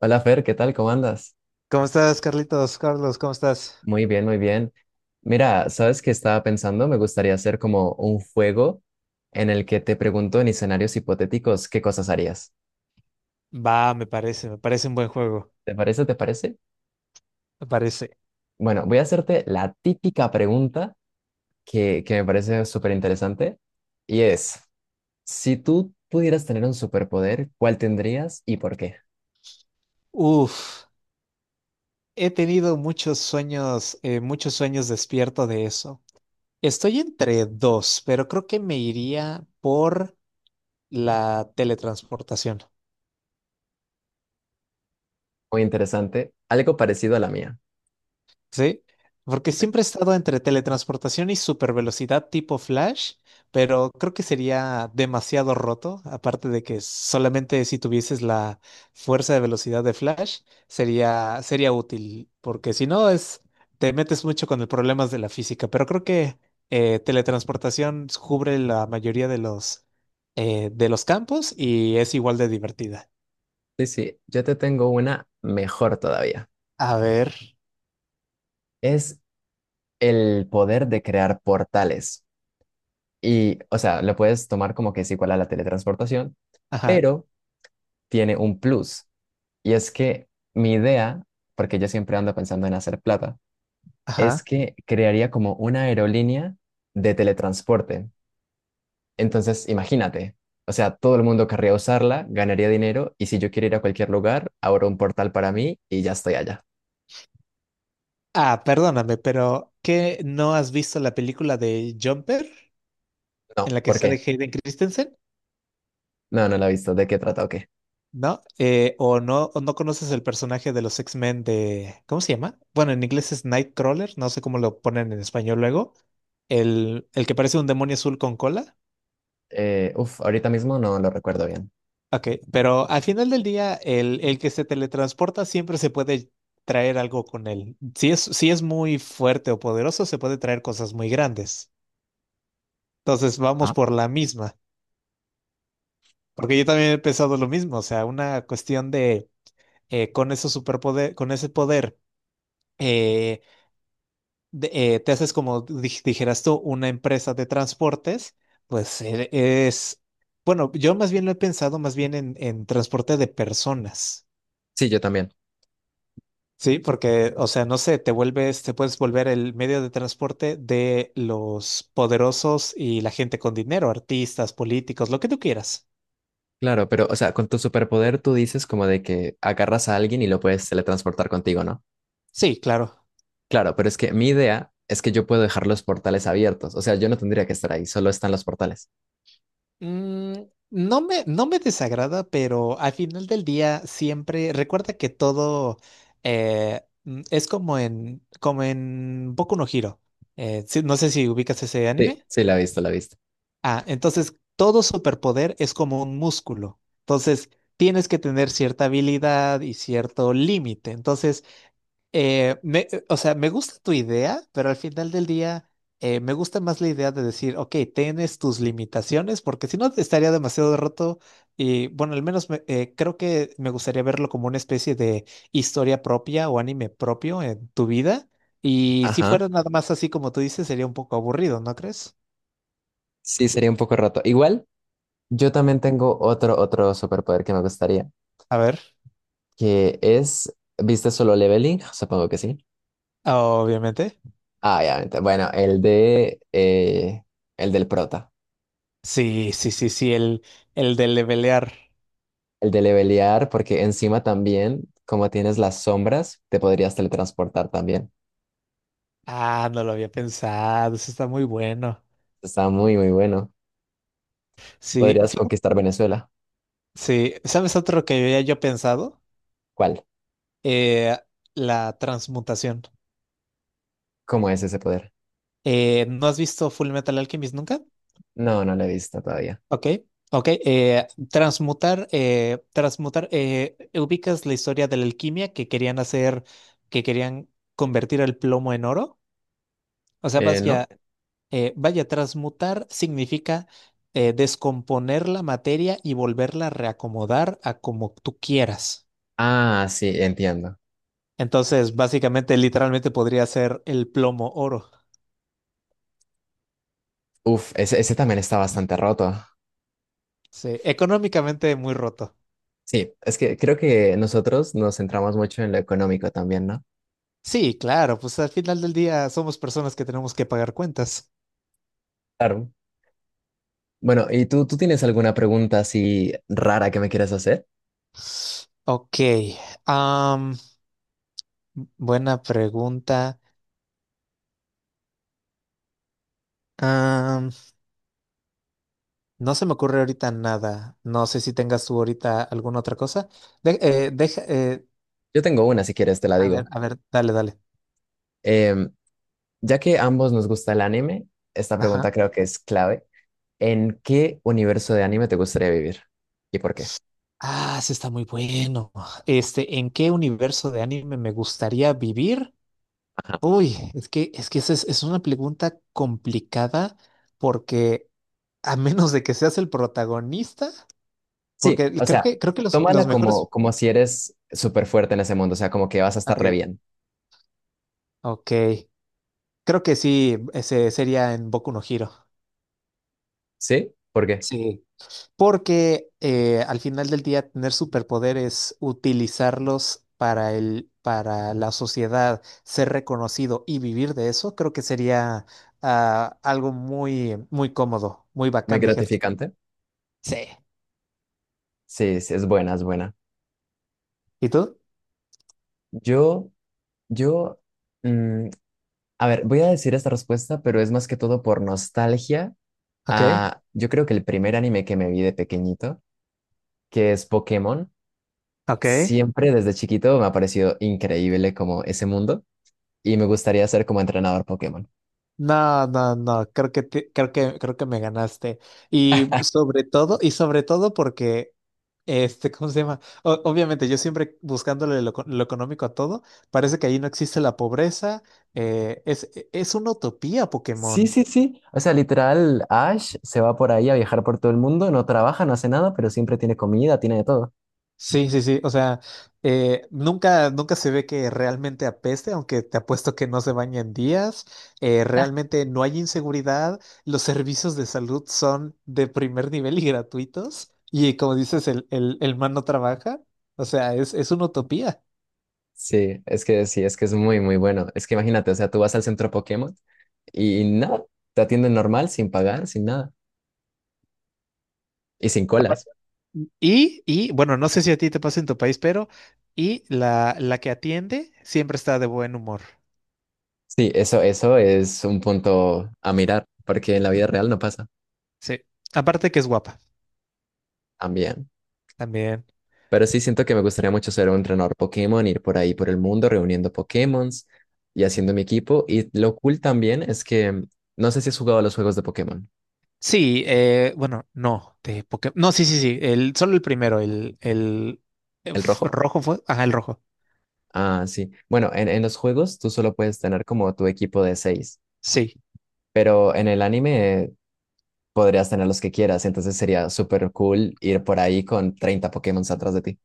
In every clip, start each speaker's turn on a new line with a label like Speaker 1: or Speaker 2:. Speaker 1: Hola Fer, ¿qué tal? ¿Cómo andas?
Speaker 2: ¿Cómo estás, Carlitos? Carlos, ¿cómo estás?
Speaker 1: Muy bien, muy bien. Mira, ¿sabes qué estaba pensando? Me gustaría hacer como un juego en el que te pregunto en escenarios hipotéticos qué cosas harías.
Speaker 2: Va, me parece un buen juego,
Speaker 1: ¿Te parece? ¿Te parece?
Speaker 2: me parece.
Speaker 1: Bueno, voy a hacerte la típica pregunta que me parece súper interesante y es, si tú pudieras tener un superpoder, ¿cuál tendrías y por qué?
Speaker 2: Uf, He tenido muchos sueños despierto de eso. Estoy entre dos, pero creo que me iría por la teletransportación.
Speaker 1: Muy interesante, algo parecido a la mía.
Speaker 2: Sí, porque siempre he estado entre teletransportación y supervelocidad tipo Flash, pero creo que sería demasiado roto, aparte de que solamente si tuvieses la fuerza de velocidad de Flash sería útil, porque si no es te metes mucho con el problemas de la física, pero creo que teletransportación cubre la mayoría de los campos y es igual de divertida.
Speaker 1: Sí, sí, yo te tengo una mejor todavía.
Speaker 2: A ver,
Speaker 1: Es el poder de crear portales. Y, o sea, lo puedes tomar como que es igual a la teletransportación,
Speaker 2: ajá,
Speaker 1: pero tiene un plus. Y es que mi idea, porque yo siempre ando pensando en hacer plata, es
Speaker 2: ajá.
Speaker 1: que crearía como una aerolínea de teletransporte. Entonces, imagínate, o sea, todo el mundo querría usarla, ganaría dinero, y si yo quiero ir a cualquier lugar, abro un portal para mí y ya estoy allá.
Speaker 2: Ah, perdóname, pero ¿qué no has visto la película de Jumper en
Speaker 1: No,
Speaker 2: la que
Speaker 1: ¿por
Speaker 2: sale
Speaker 1: qué?
Speaker 2: Hayden Christensen?
Speaker 1: No, no lo he visto. ¿De qué trata o qué?
Speaker 2: ¿No? O no conoces el personaje de los X-Men de, ¿cómo se llama? Bueno, en inglés es Nightcrawler, no sé cómo lo ponen en español luego. El que parece un demonio azul con cola.
Speaker 1: Uf, ahorita mismo no lo recuerdo bien.
Speaker 2: Ok, pero al final del día, el que se teletransporta siempre se puede traer algo con él. Si es muy fuerte o poderoso, se puede traer cosas muy grandes. Entonces vamos por la misma. Porque yo también he pensado lo mismo, o sea, una cuestión de con esos superpoder, con ese poder, eh, de- te haces como dijeras tú, una empresa de transportes, pues eh, es, bueno, yo más bien lo he pensado más bien en transporte de personas,
Speaker 1: Sí, yo también.
Speaker 2: ¿sí? Porque, o sea, no sé, te vuelves, te puedes volver el medio de transporte de los poderosos y la gente con dinero, artistas, políticos, lo que tú quieras.
Speaker 1: Claro, pero, o sea, con tu superpoder tú dices como de que agarras a alguien y lo puedes teletransportar contigo, ¿no?
Speaker 2: Sí, claro.
Speaker 1: Claro, pero es que mi idea es que yo puedo dejar los portales abiertos. O sea, yo no tendría que estar ahí, solo están los portales.
Speaker 2: Mm, no me desagrada, pero al final del día siempre recuerda que todo es como en, como en Boku no Hero. Sí, no sé si ubicas ese
Speaker 1: Sí,
Speaker 2: anime.
Speaker 1: sí, la he visto, la he visto.
Speaker 2: Ah, entonces todo superpoder es como un músculo. Entonces tienes que tener cierta habilidad y cierto límite. Entonces o sea, me gusta tu idea, pero al final del día me gusta más la idea de decir, ok, tienes tus limitaciones, porque si no estaría demasiado roto y bueno, al menos creo que me gustaría verlo como una especie de historia propia o anime propio en tu vida. Y si
Speaker 1: Ajá.
Speaker 2: fuera nada más así como tú dices, sería un poco aburrido, ¿no crees?
Speaker 1: Sí, sería un poco roto. Igual, yo también tengo otro superpoder que me gustaría,
Speaker 2: A ver,
Speaker 1: que es, ¿viste solo leveling? Supongo que sí.
Speaker 2: obviamente.
Speaker 1: Ah, obviamente. Bueno, el del prota.
Speaker 2: Sí, sí, sí, sí, el de levelear.
Speaker 1: El de levelear, porque encima también, como tienes las sombras, te podrías teletransportar también.
Speaker 2: Ah, no lo había pensado, eso está muy bueno.
Speaker 1: Está muy, muy bueno.
Speaker 2: Sí,
Speaker 1: Podrías conquistar Venezuela.
Speaker 2: sí, ¿sabes otro que había yo pensado?
Speaker 1: ¿Cuál?
Speaker 2: Eh, la transmutación.
Speaker 1: ¿Cómo es ese poder?
Speaker 2: ¿No has visto Full Metal Alchemist nunca?
Speaker 1: No, no lo he visto todavía.
Speaker 2: Ok, ok. Transmutar, ¿ubicas la historia de la alquimia que querían hacer, que querían convertir el plomo en oro? O sea,
Speaker 1: ¿No?
Speaker 2: vaya, transmutar significa descomponer la materia y volverla a reacomodar a como tú quieras.
Speaker 1: Ah, sí, entiendo.
Speaker 2: Entonces, básicamente, literalmente podría ser el plomo oro.
Speaker 1: Uf, ese también está bastante roto.
Speaker 2: Sí, económicamente muy roto.
Speaker 1: Sí, es que creo que nosotros nos centramos mucho en lo económico también, ¿no?
Speaker 2: Sí, claro, pues al final del día somos personas que tenemos que pagar cuentas.
Speaker 1: Claro. Bueno, ¿y tú tienes alguna pregunta así rara que me quieras hacer?
Speaker 2: Ok, am, buena pregunta. Am, no se me ocurre ahorita nada. No sé si tengas tú ahorita alguna otra cosa. De- eh, deja, eh,
Speaker 1: Yo tengo una, si quieres, te la digo.
Speaker 2: a ver, dale, dale.
Speaker 1: Em, Ya que ambos nos gusta el anime, esta
Speaker 2: Ajá.
Speaker 1: pregunta creo que es clave. ¿En qué universo de anime te gustaría vivir? ¿Y por qué?
Speaker 2: Ah, sí está muy bueno. Este, ¿en qué universo de anime me gustaría vivir?
Speaker 1: Ajá.
Speaker 2: Uy, es que esa es una pregunta complicada porque a menos de que seas el protagonista,
Speaker 1: Sí,
Speaker 2: porque
Speaker 1: o sea,
Speaker 2: creo que los
Speaker 1: tómala como,
Speaker 2: mejores.
Speaker 1: como si eres súper fuerte en ese mundo, o sea, como que vas a estar
Speaker 2: Ok,
Speaker 1: re bien.
Speaker 2: ok. Creo que sí, ese sería en Boku no Hero.
Speaker 1: ¿Sí? ¿Por qué?
Speaker 2: Sí. Porque al final del día, tener superpoderes, utilizarlos para para la sociedad, ser reconocido y vivir de eso, creo que sería algo muy, muy cómodo, muy
Speaker 1: Muy
Speaker 2: bacán, dije.
Speaker 1: gratificante.
Speaker 2: Sí.
Speaker 1: Sí, sí, es buena, es buena.
Speaker 2: ¿Y tú?
Speaker 1: Yo, yo, mm, a ver, voy a decir esta respuesta, pero es más que todo por nostalgia.
Speaker 2: Ok,
Speaker 1: Yo creo que el primer anime que me vi de pequeñito, que es Pokémon.
Speaker 2: ok.
Speaker 1: Siempre desde chiquito me ha parecido increíble como ese mundo y me gustaría ser como entrenador Pokémon.
Speaker 2: No, no, no, creo que creo que me ganaste. Y sobre todo porque este, ¿cómo se llama? Obviamente, yo siempre buscándole lo económico a todo, parece que ahí no existe la pobreza. Es una utopía,
Speaker 1: Sí,
Speaker 2: Pokémon.
Speaker 1: sí, sí. O sea, literal, Ash se va por ahí a viajar por todo el mundo, no trabaja, no hace nada, pero siempre tiene comida, tiene de todo.
Speaker 2: Sí, sí, sí. O sea, nunca, nunca se ve que realmente apeste, aunque te apuesto que no se baña en días. Realmente no hay inseguridad. Los servicios de salud son de primer nivel y gratuitos. Y como dices, el man no trabaja. O sea, es una utopía.
Speaker 1: Sí, es que es muy, muy bueno. Es que imagínate, o sea, tú vas al centro Pokémon y nada, te atienden normal, sin pagar, sin nada y sin colas.
Speaker 2: Y bueno, no sé si a ti te pasa en tu país, pero y la que atiende siempre está de buen humor.
Speaker 1: Sí, eso es un punto a mirar, porque en la vida real no pasa
Speaker 2: Sí. Aparte que es guapa
Speaker 1: también.
Speaker 2: también.
Speaker 1: Pero sí siento que me gustaría mucho ser un entrenador Pokémon, ir por ahí por el mundo reuniendo Pokémons y haciendo mi equipo. Y lo cool también es que no sé si has jugado a los juegos de Pokémon.
Speaker 2: Sí, de Pokémon. No, sí, sí, sí, solo el primero,
Speaker 1: ¿El rojo?
Speaker 2: rojo fue. Ajá, el rojo.
Speaker 1: Ah, sí. Bueno, en los juegos tú solo puedes tener como tu equipo de seis,
Speaker 2: Sí,
Speaker 1: pero en el anime podrías tener los que quieras. Entonces sería súper cool ir por ahí con 30 Pokémons atrás de ti.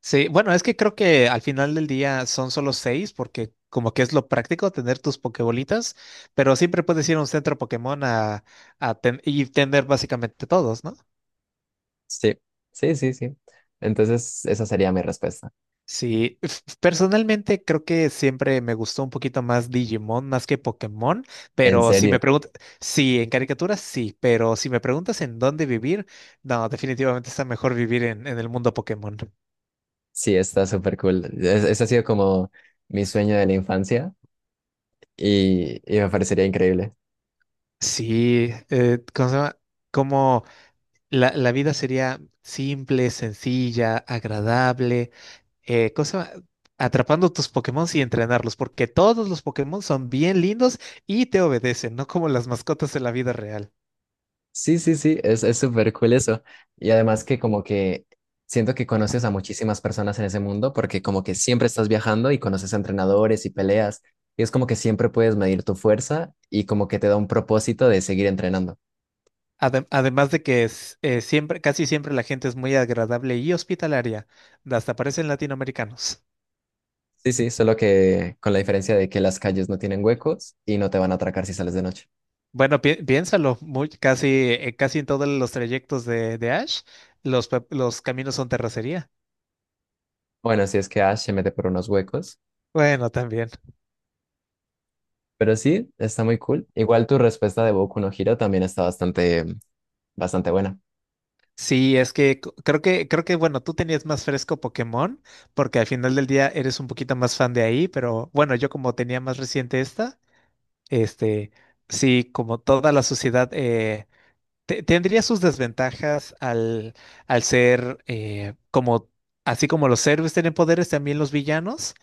Speaker 2: sí. Bueno, es que creo que al final del día son solo seis, porque como que es lo práctico tener tus Pokébolitas, pero siempre puedes ir a un centro Pokémon a, y tener básicamente todos, ¿no?
Speaker 1: Sí, sí, sí, sí. Entonces esa sería mi respuesta.
Speaker 2: Sí, personalmente creo que siempre me gustó un poquito más Digimon más que Pokémon,
Speaker 1: ¿En
Speaker 2: pero si
Speaker 1: serio?
Speaker 2: me preguntas, sí, en caricaturas sí, pero si me preguntas en dónde vivir, no, definitivamente está mejor vivir en el mundo Pokémon.
Speaker 1: Sí, está súper cool. Es- Ese ha sido como mi sueño de la infancia y me parecería increíble.
Speaker 2: Sí, ¿cómo se llama? Como la vida sería simple, sencilla, agradable, ¿cómo se llama? Atrapando tus Pokémon y entrenarlos, porque todos los Pokémon son bien lindos y te obedecen, no como las mascotas de la vida real.
Speaker 1: Sí, sí, sí, es súper cool eso. Y además que como que siento que conoces a muchísimas personas en ese mundo porque como que siempre estás viajando y conoces a entrenadores y peleas. Y es como que siempre puedes medir tu fuerza y como que te da un propósito de seguir entrenando.
Speaker 2: Además de que es, siempre, casi siempre la gente es muy agradable y hospitalaria, hasta parecen latinoamericanos.
Speaker 1: Sí, sí, solo que con la diferencia de que las calles no tienen huecos y no te van a atracar si sales de noche.
Speaker 2: Bueno, piénsalo, muy, casi, casi en todos los trayectos de Ash, los caminos son terracería.
Speaker 1: Bueno, si es que Ash se mete por unos huecos.
Speaker 2: Bueno, también.
Speaker 1: Pero sí, está muy cool. Igual tu respuesta de Boku no Hero también está bastante, bastante buena.
Speaker 2: Sí, es que creo que, bueno, tú tenías más fresco Pokémon, porque al final del día eres un poquito más fan de ahí, pero bueno, yo como tenía más reciente esta, este, sí, como toda la sociedad, tendría sus desventajas al, al ser como, así como los héroes tienen poderes, también los villanos,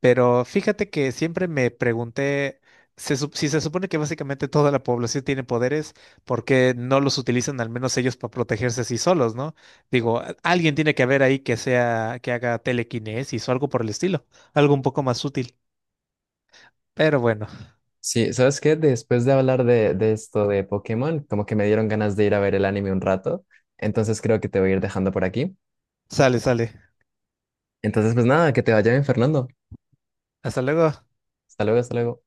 Speaker 2: pero fíjate que siempre me pregunté, si se supone que básicamente toda la población tiene poderes, ¿por qué no los utilizan al menos ellos para protegerse así solos, ¿no? Digo, alguien tiene que haber ahí que sea, que haga telequinesis o algo por el estilo, algo un poco más útil. Pero bueno,
Speaker 1: Sí, ¿sabes qué? Después de hablar de esto de Pokémon, como que me dieron ganas de ir a ver el anime un rato. Entonces creo que te voy a ir dejando por aquí.
Speaker 2: sale, sale.
Speaker 1: Entonces, pues nada, que te vaya bien, Fernando.
Speaker 2: Hasta luego.
Speaker 1: Hasta luego, hasta luego.